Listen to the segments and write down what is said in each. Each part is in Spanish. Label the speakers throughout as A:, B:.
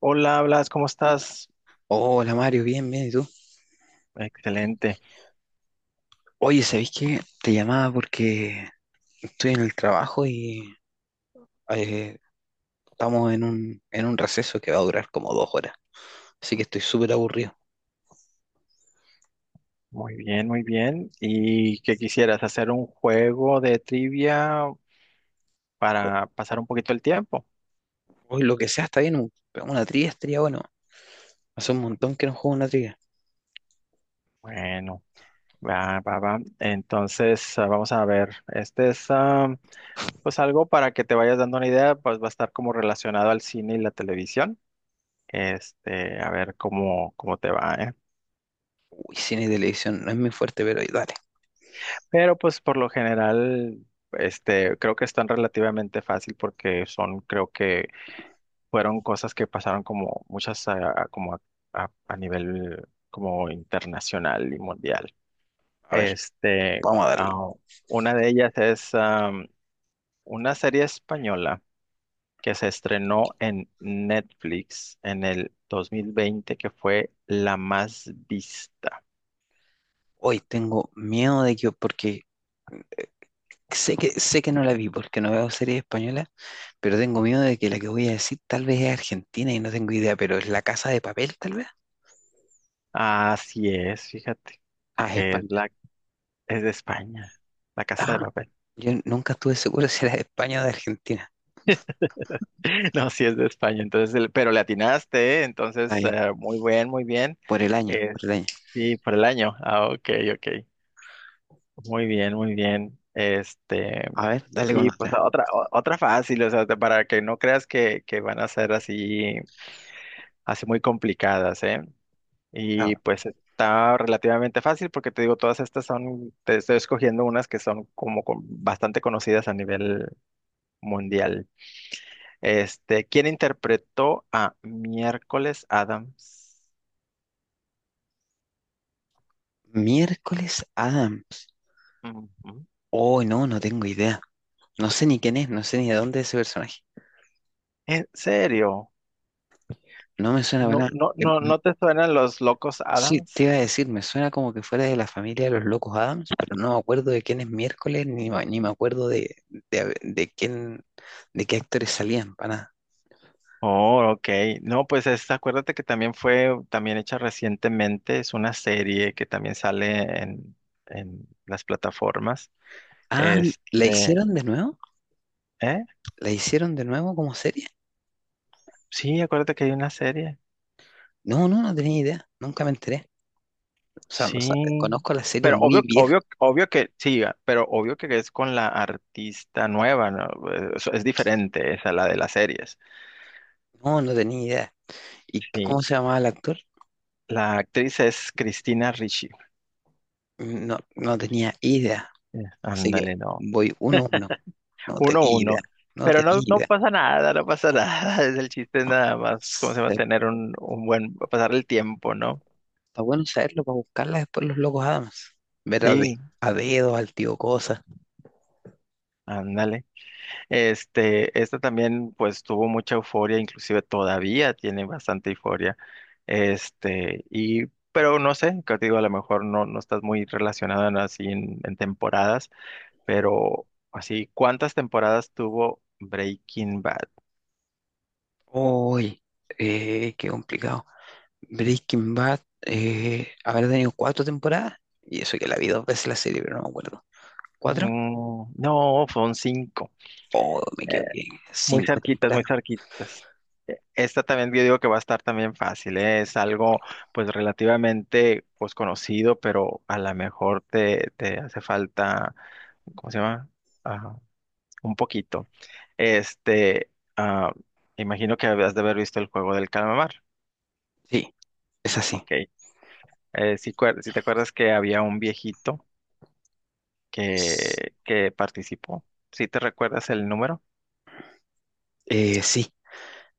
A: Hola, Blas, ¿cómo estás?
B: Hola Mario, bien, bien, ¿y tú?
A: Excelente,
B: Oye, ¿sabéis qué? Te llamaba porque estoy en el trabajo y eh, estamos en un receso que va a durar como 2 horas, así que estoy súper aburrido.
A: muy bien, muy bien. ¿Y qué quisieras? ¿Hacer un juego de trivia para pasar un poquito el tiempo?
B: Hoy lo que sea está bien, una trivia estaría bueno. Hace un montón que no juego una trivia.
A: Bueno, va, va, va. Entonces, vamos a ver. Este es, pues algo para que te vayas dando una idea, pues va a estar como relacionado al cine y la televisión. Este, a ver cómo te va, ¿eh?
B: Uy, cine y televisión no es muy fuerte, pero dale,
A: Pero pues por lo general, este, creo que están relativamente fácil porque son, creo que fueron cosas que pasaron como muchas a nivel como internacional y mundial.
B: a ver,
A: Este,
B: vamos a darle.
A: ah, una de ellas es una serie española que se estrenó en Netflix en el 2020 que fue la más vista.
B: Hoy tengo miedo de que, porque sé que no la vi porque no veo series españolas, pero tengo miedo de que la que voy a decir tal vez es argentina y no tengo idea, pero es La Casa de Papel tal vez.
A: Así es, fíjate,
B: Ah, es
A: que es la es de España, La Casa de
B: Ah,
A: Papel.
B: yo nunca estuve seguro si era de España o de Argentina.
A: No, sí es de España, entonces, pero le atinaste, ¿eh?
B: Está
A: Entonces,
B: bien,
A: muy bien, muy bien.
B: por el año, por el año.
A: Sí, por el año. Ok, ok. Muy bien, muy bien. Este,
B: A ver, dale con
A: y pues
B: otra.
A: otra, otra fácil, o sea, para que no creas que van a ser así, así muy complicadas, ¿eh? Y
B: Vamos.
A: pues está relativamente fácil porque te digo, todas estas son, te estoy escogiendo unas que son como bastante conocidas a nivel mundial. Este, ¿quién interpretó a Miércoles Adams?
B: Miércoles Adams.
A: Ujú.
B: Oh, no, no tengo idea. No sé ni quién es, no sé ni de dónde es ese personaje.
A: ¿En serio?
B: No me suena para
A: No,
B: nada.
A: no, no, ¿no te suenan los Locos
B: Sí,
A: Adams?
B: te iba a decir, me suena como que fuera de la familia de los locos Adams, pero no me acuerdo de quién es Miércoles, ni me acuerdo de, de quién, de qué actores salían, para nada.
A: Oh, ok. No, pues es, acuérdate que también fue, también hecha recientemente, es una serie que también sale en las plataformas.
B: Ah, ¿la
A: Este,
B: hicieron de nuevo?
A: ¿eh?
B: ¿La hicieron de nuevo como serie?
A: Sí, acuérdate que hay una serie.
B: No, no, no tenía idea, nunca me enteré. O sea,
A: Sí.
B: conozco la serie
A: Pero
B: muy
A: obvio,
B: vieja.
A: obvio, obvio que, sí, pero obvio que es con la artista nueva, ¿no? Es diferente esa, la de las series.
B: No, no tenía idea. ¿Y cómo
A: Sí.
B: se llamaba el actor?
A: La actriz es Cristina Ricci.
B: No, no tenía idea. Así que
A: Ándale, no.
B: voy uno a uno. No
A: uno
B: tenía idea.
A: uno.
B: No
A: Pero no,
B: tenía
A: no
B: idea.
A: pasa nada, no pasa nada. Es el chiste nada más, ¿cómo se va a
B: Eh,
A: tener un buen, pasar el tiempo, ¿no?
B: Está bueno saberlo para buscarla después los locos Adams. Ver a, de-
A: Sí,
B: a dedo, al tío Cosa.
A: ándale. Este, esta también, pues, tuvo mucha euforia, inclusive todavía tiene bastante euforia. Este, y, pero no sé, que te digo, a lo mejor no estás muy relacionado en temporadas, pero así, ¿cuántas temporadas tuvo Breaking Bad?
B: Uy, qué complicado. Breaking Bad habrá tenido cuatro temporadas. Y eso que la vi dos veces la serie, pero no me acuerdo. ¿Cuatro?
A: Mm, no, fueron cinco.
B: Oh, me equivoqué.
A: Muy
B: Cinco
A: cerquitas, muy
B: temporadas.
A: cerquitas. Esta también yo digo que va a estar también fácil, ¿eh? Es algo pues relativamente pues conocido, pero a lo mejor te hace falta, ¿cómo se llama? Ah, un poquito. Este, ah, imagino que habías de haber visto el juego del calamar,
B: Sí, es así.
A: ¿ok? Si te acuerdas que había un viejito
B: S-
A: que participó, ¿si te recuerdas el número?
B: sí,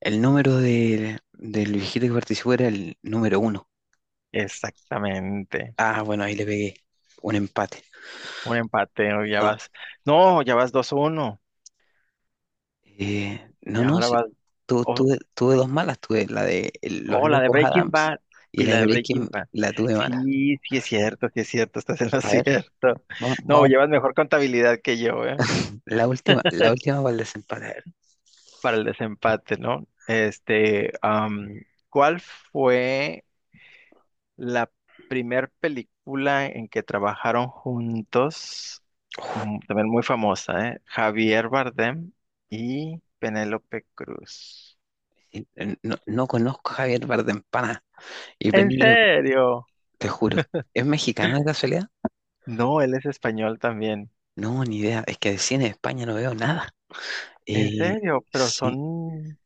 B: el número del viejito que participó era el número 1.
A: Exactamente.
B: Ah, bueno, ahí le pegué un empate.
A: Un empate, o
B: Voy a
A: ya
B: dos.
A: vas. No, ya vas 2 uno. Y
B: No, no,
A: ahora
B: sí,
A: vas.
B: tu-
A: Oh,
B: tuve, tuve dos malas. Tuve la de los
A: oh, la de
B: locos
A: Breaking
B: Adams
A: Bad.
B: y
A: Y
B: la de
A: la de Breaking
B: Breaking
A: Bad.
B: la tuve mala.
A: Sí, sí es cierto, estás en lo
B: A ver,
A: cierto.
B: vamos,
A: No,
B: vamos,
A: llevas mejor contabilidad que yo, ¿eh?
B: la última para el desempate. A ver.
A: Para el desempate, ¿no? Este, ¿cuál fue la primer película en que trabajaron juntos? Mm, también muy famosa, ¿eh? Javier Bardem y Penélope Cruz.
B: No, no conozco a Javier Bardempana y
A: ¿En
B: Penélope,
A: serio?
B: te juro. ¿Es mexicana de casualidad?
A: No, él es español también.
B: No, ni idea. Es que de cine de España no veo nada.
A: ¿En
B: Eh,
A: serio? Pero
B: sí.
A: son,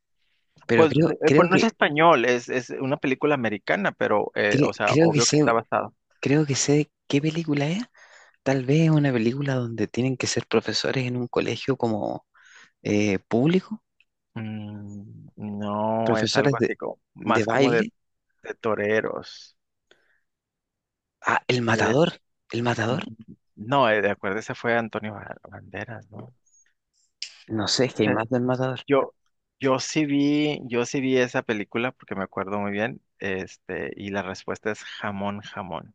B: Pero
A: pues, eh, pues no es español, es una película americana, pero,
B: cre-
A: o sea,
B: creo que
A: obvio que
B: sé,
A: está basado.
B: creo que sé qué película es. Tal vez es una película donde tienen que ser profesores en un colegio como público,
A: Mm, no, es
B: profesores
A: algo
B: de,
A: así como,
B: de
A: más como
B: baile.
A: de toreros.
B: Ah, El
A: Él es,
B: Matador. El Matador.
A: no, de acuerdo, ese fue Antonio Banderas, ¿no?
B: No sé, es que hay
A: Eh,
B: más del Matador.
A: Yo, yo sí vi esa película porque me acuerdo muy bien, este, y la respuesta es jamón, jamón.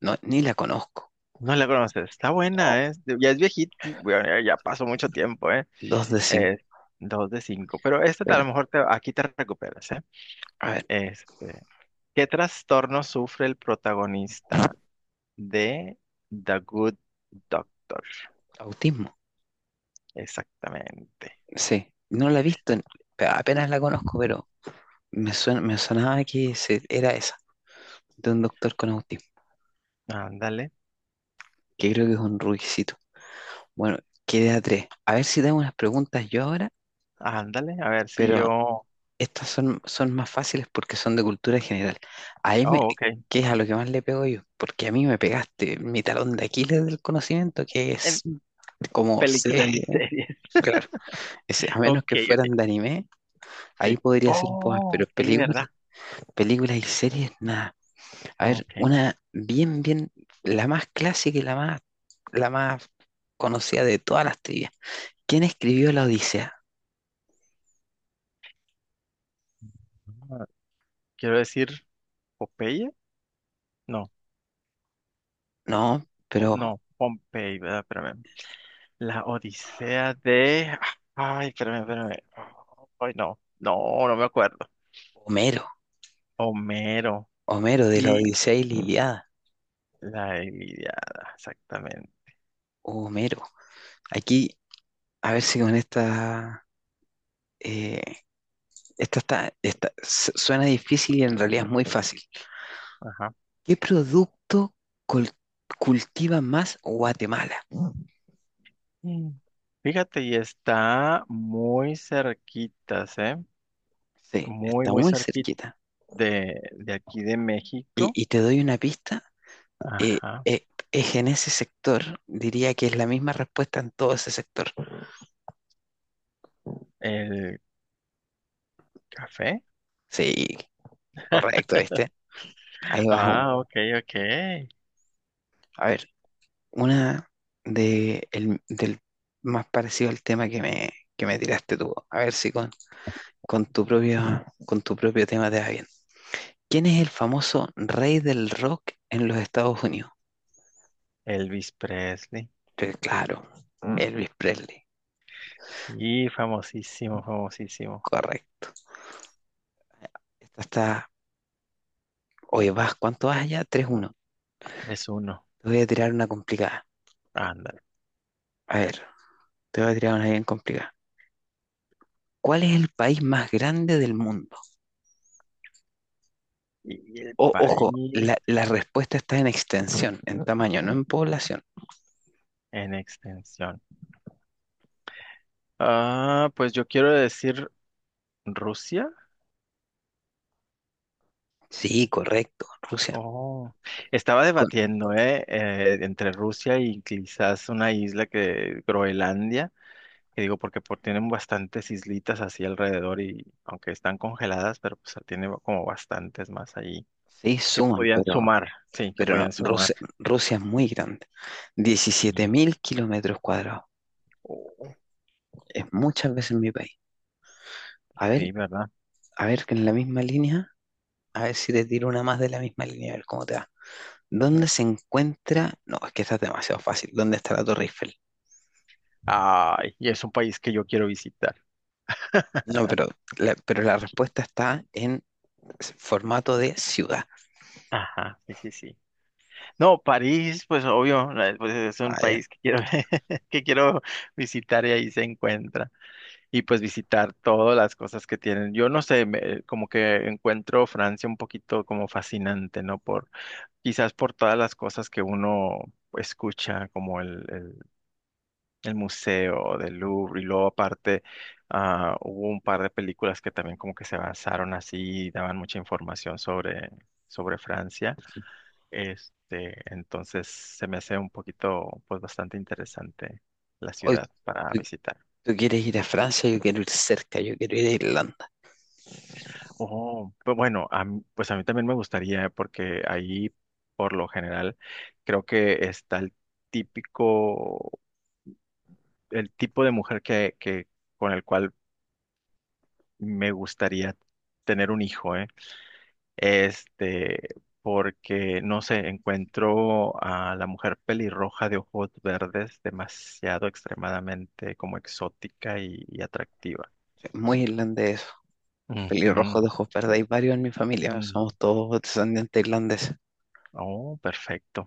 B: No, ni la conozco.
A: No la conoces, está
B: No,
A: buena, ¿eh? Ya es viejita, bueno, ya ya pasó mucho tiempo, ¿eh?
B: dos de cinco.
A: Eh, dos de cinco, pero esta a
B: Pero,
A: lo mejor aquí te recuperas, ¿eh?
B: a ver,
A: Este, ¿qué trastorno sufre el protagonista de The Good Doctor?
B: autismo.
A: Exactamente.
B: Sí, no la he visto, apenas la conozco, pero me suena, me sonaba que era esa, de un doctor con autismo,
A: Ándale,
B: que creo que es un rubiecito. Bueno, quedé a tres. A ver si tengo unas preguntas yo ahora,
A: ándale, a ver si
B: pero
A: yo...
B: estas son más fáciles porque son de cultura general. Ahí me,
A: Oh, ok.
B: que es a lo que más le pego yo, porque a mí me pegaste mi talón de Aquiles del conocimiento, que es
A: En
B: como
A: películas y
B: serie.
A: series.
B: Claro, a
A: Ok,
B: menos que
A: ok,
B: fueran de anime, ahí
A: sí.
B: podría ser un poco, más,
A: Oh,
B: pero
A: sí,
B: películas,
A: ¿verdad?
B: películas y series, nada. A ver,
A: Ok.
B: una bien, bien, la más clásica y la más conocida de todas las teorías. ¿Quién escribió la Odisea?
A: Ah, Quiero decir, Popeye, no.
B: No,
A: o-
B: pero
A: no, Pompey, ¿verdad? Espérame. La Odisea de... Ay, espérame, espérame. Ay, no, no, no me acuerdo.
B: Homero,
A: Homero
B: Homero de la
A: y
B: Odisea y la Ilíada.
A: la Ilíada, exactamente.
B: Homero. Aquí, a ver si con esta. eh, esta suena difícil y en realidad es muy fácil.
A: Ajá.
B: ¿Qué producto col- cultiva más Guatemala?
A: Mm. Fíjate, y está muy cerquitas, ¿eh?
B: Sí,
A: Muy,
B: está
A: muy
B: muy
A: cerquita
B: cerquita.
A: de aquí de
B: Y,
A: México.
B: y te doy una pista. eh,
A: Ajá.
B: eh, es en ese sector, diría que es la misma respuesta en todo ese sector.
A: El café.
B: Sí, correcto. Ahí vas aún.
A: Ok, ok.
B: A ver, una del más parecido al tema que me tiraste tú. A ver si con tu propio tema te va bien. ¿Quién es el famoso rey del rock en los Estados Unidos?
A: Elvis Presley.
B: Pues claro, Mm. Elvis Presley.
A: Sí, famosísimo, famosísimo.
B: Correcto. Esta está. Oye, vas, ¿cuánto vas allá? 3-1.
A: 3-1.
B: Te voy a tirar una complicada.
A: Ándale.
B: A ver, te voy a tirar una bien complicada. ¿Cuál es el país más grande del mundo?
A: Y el
B: O-
A: país
B: ojo, la respuesta está en extensión, en tamaño, no en población.
A: en extensión. Pues yo quiero decir Rusia.
B: Sí, correcto, Rusia.
A: Oh, estaba
B: Con-
A: debatiendo, ¿eh? Entre Rusia y quizás una isla que, Groenlandia, que digo porque por, tienen bastantes islitas así alrededor y aunque están congeladas, pero pues tiene como bastantes más ahí
B: sí,
A: que
B: suman,
A: podían
B: pero,
A: sumar, sí, que
B: pero
A: podían
B: no,
A: sumar,
B: Rusia, Rusia es muy grande. diecisiete
A: sí.
B: mil kilómetros cuadrados.
A: Oh,
B: Es muchas veces mi país. A ver,
A: sí, ¿verdad?
B: a ver, que en la misma línea, a ver si te tiro una más de la misma línea, a ver cómo te va. ¿Dónde
A: Ujú.
B: se encuentra? No, es que esta es demasiado fácil. ¿Dónde está la Torre Eiffel?
A: Ay, y es un país que yo quiero visitar.
B: No, pero la respuesta está en formato de ciudad.
A: Ajá, sí, sí, sí. No, París, pues obvio, pues es un
B: Ah, ya.
A: país que quiero, que quiero visitar y ahí se encuentra. Y pues visitar todas las cosas que tienen. Yo no sé, como que encuentro Francia un poquito como fascinante, ¿no? Quizás por todas las cosas que uno escucha, como el Museo del Louvre, y luego aparte, hubo un par de películas que también como que se basaron así y daban mucha información sobre Francia. Este, entonces se me hace un poquito, pues bastante interesante la
B: Hoy
A: ciudad para
B: tú,
A: visitar.
B: tú quieres ir a Francia, yo quiero ir cerca, yo quiero ir a Irlanda.
A: Oh, pues bueno, pues a mí también me gustaría porque ahí, por lo general, creo que está el típico, el tipo de mujer que, con el cual me gustaría tener un hijo, ¿eh? Este, porque, no sé, encuentro a la mujer pelirroja de ojos verdes demasiado extremadamente como exótica y atractiva.
B: Muy irlandés.
A: Ujú.
B: Pelirrojos de ojos verdes hay varios en mi familia,
A: Mm.
B: somos todos descendientes irlandeses.
A: Oh, perfecto.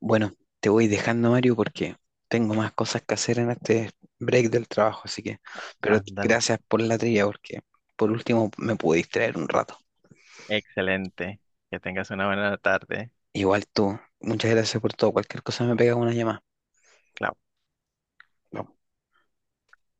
B: Bueno, te voy dejando, Mario, porque tengo más cosas que hacer en este break del trabajo, así que, pero
A: Ándale.
B: gracias por la trilla, porque por último me pude distraer un rato.
A: Excelente. Que tengas una buena tarde.
B: Igual tú, muchas gracias por todo, cualquier cosa me pega una llamada.
A: Clau.
B: Nos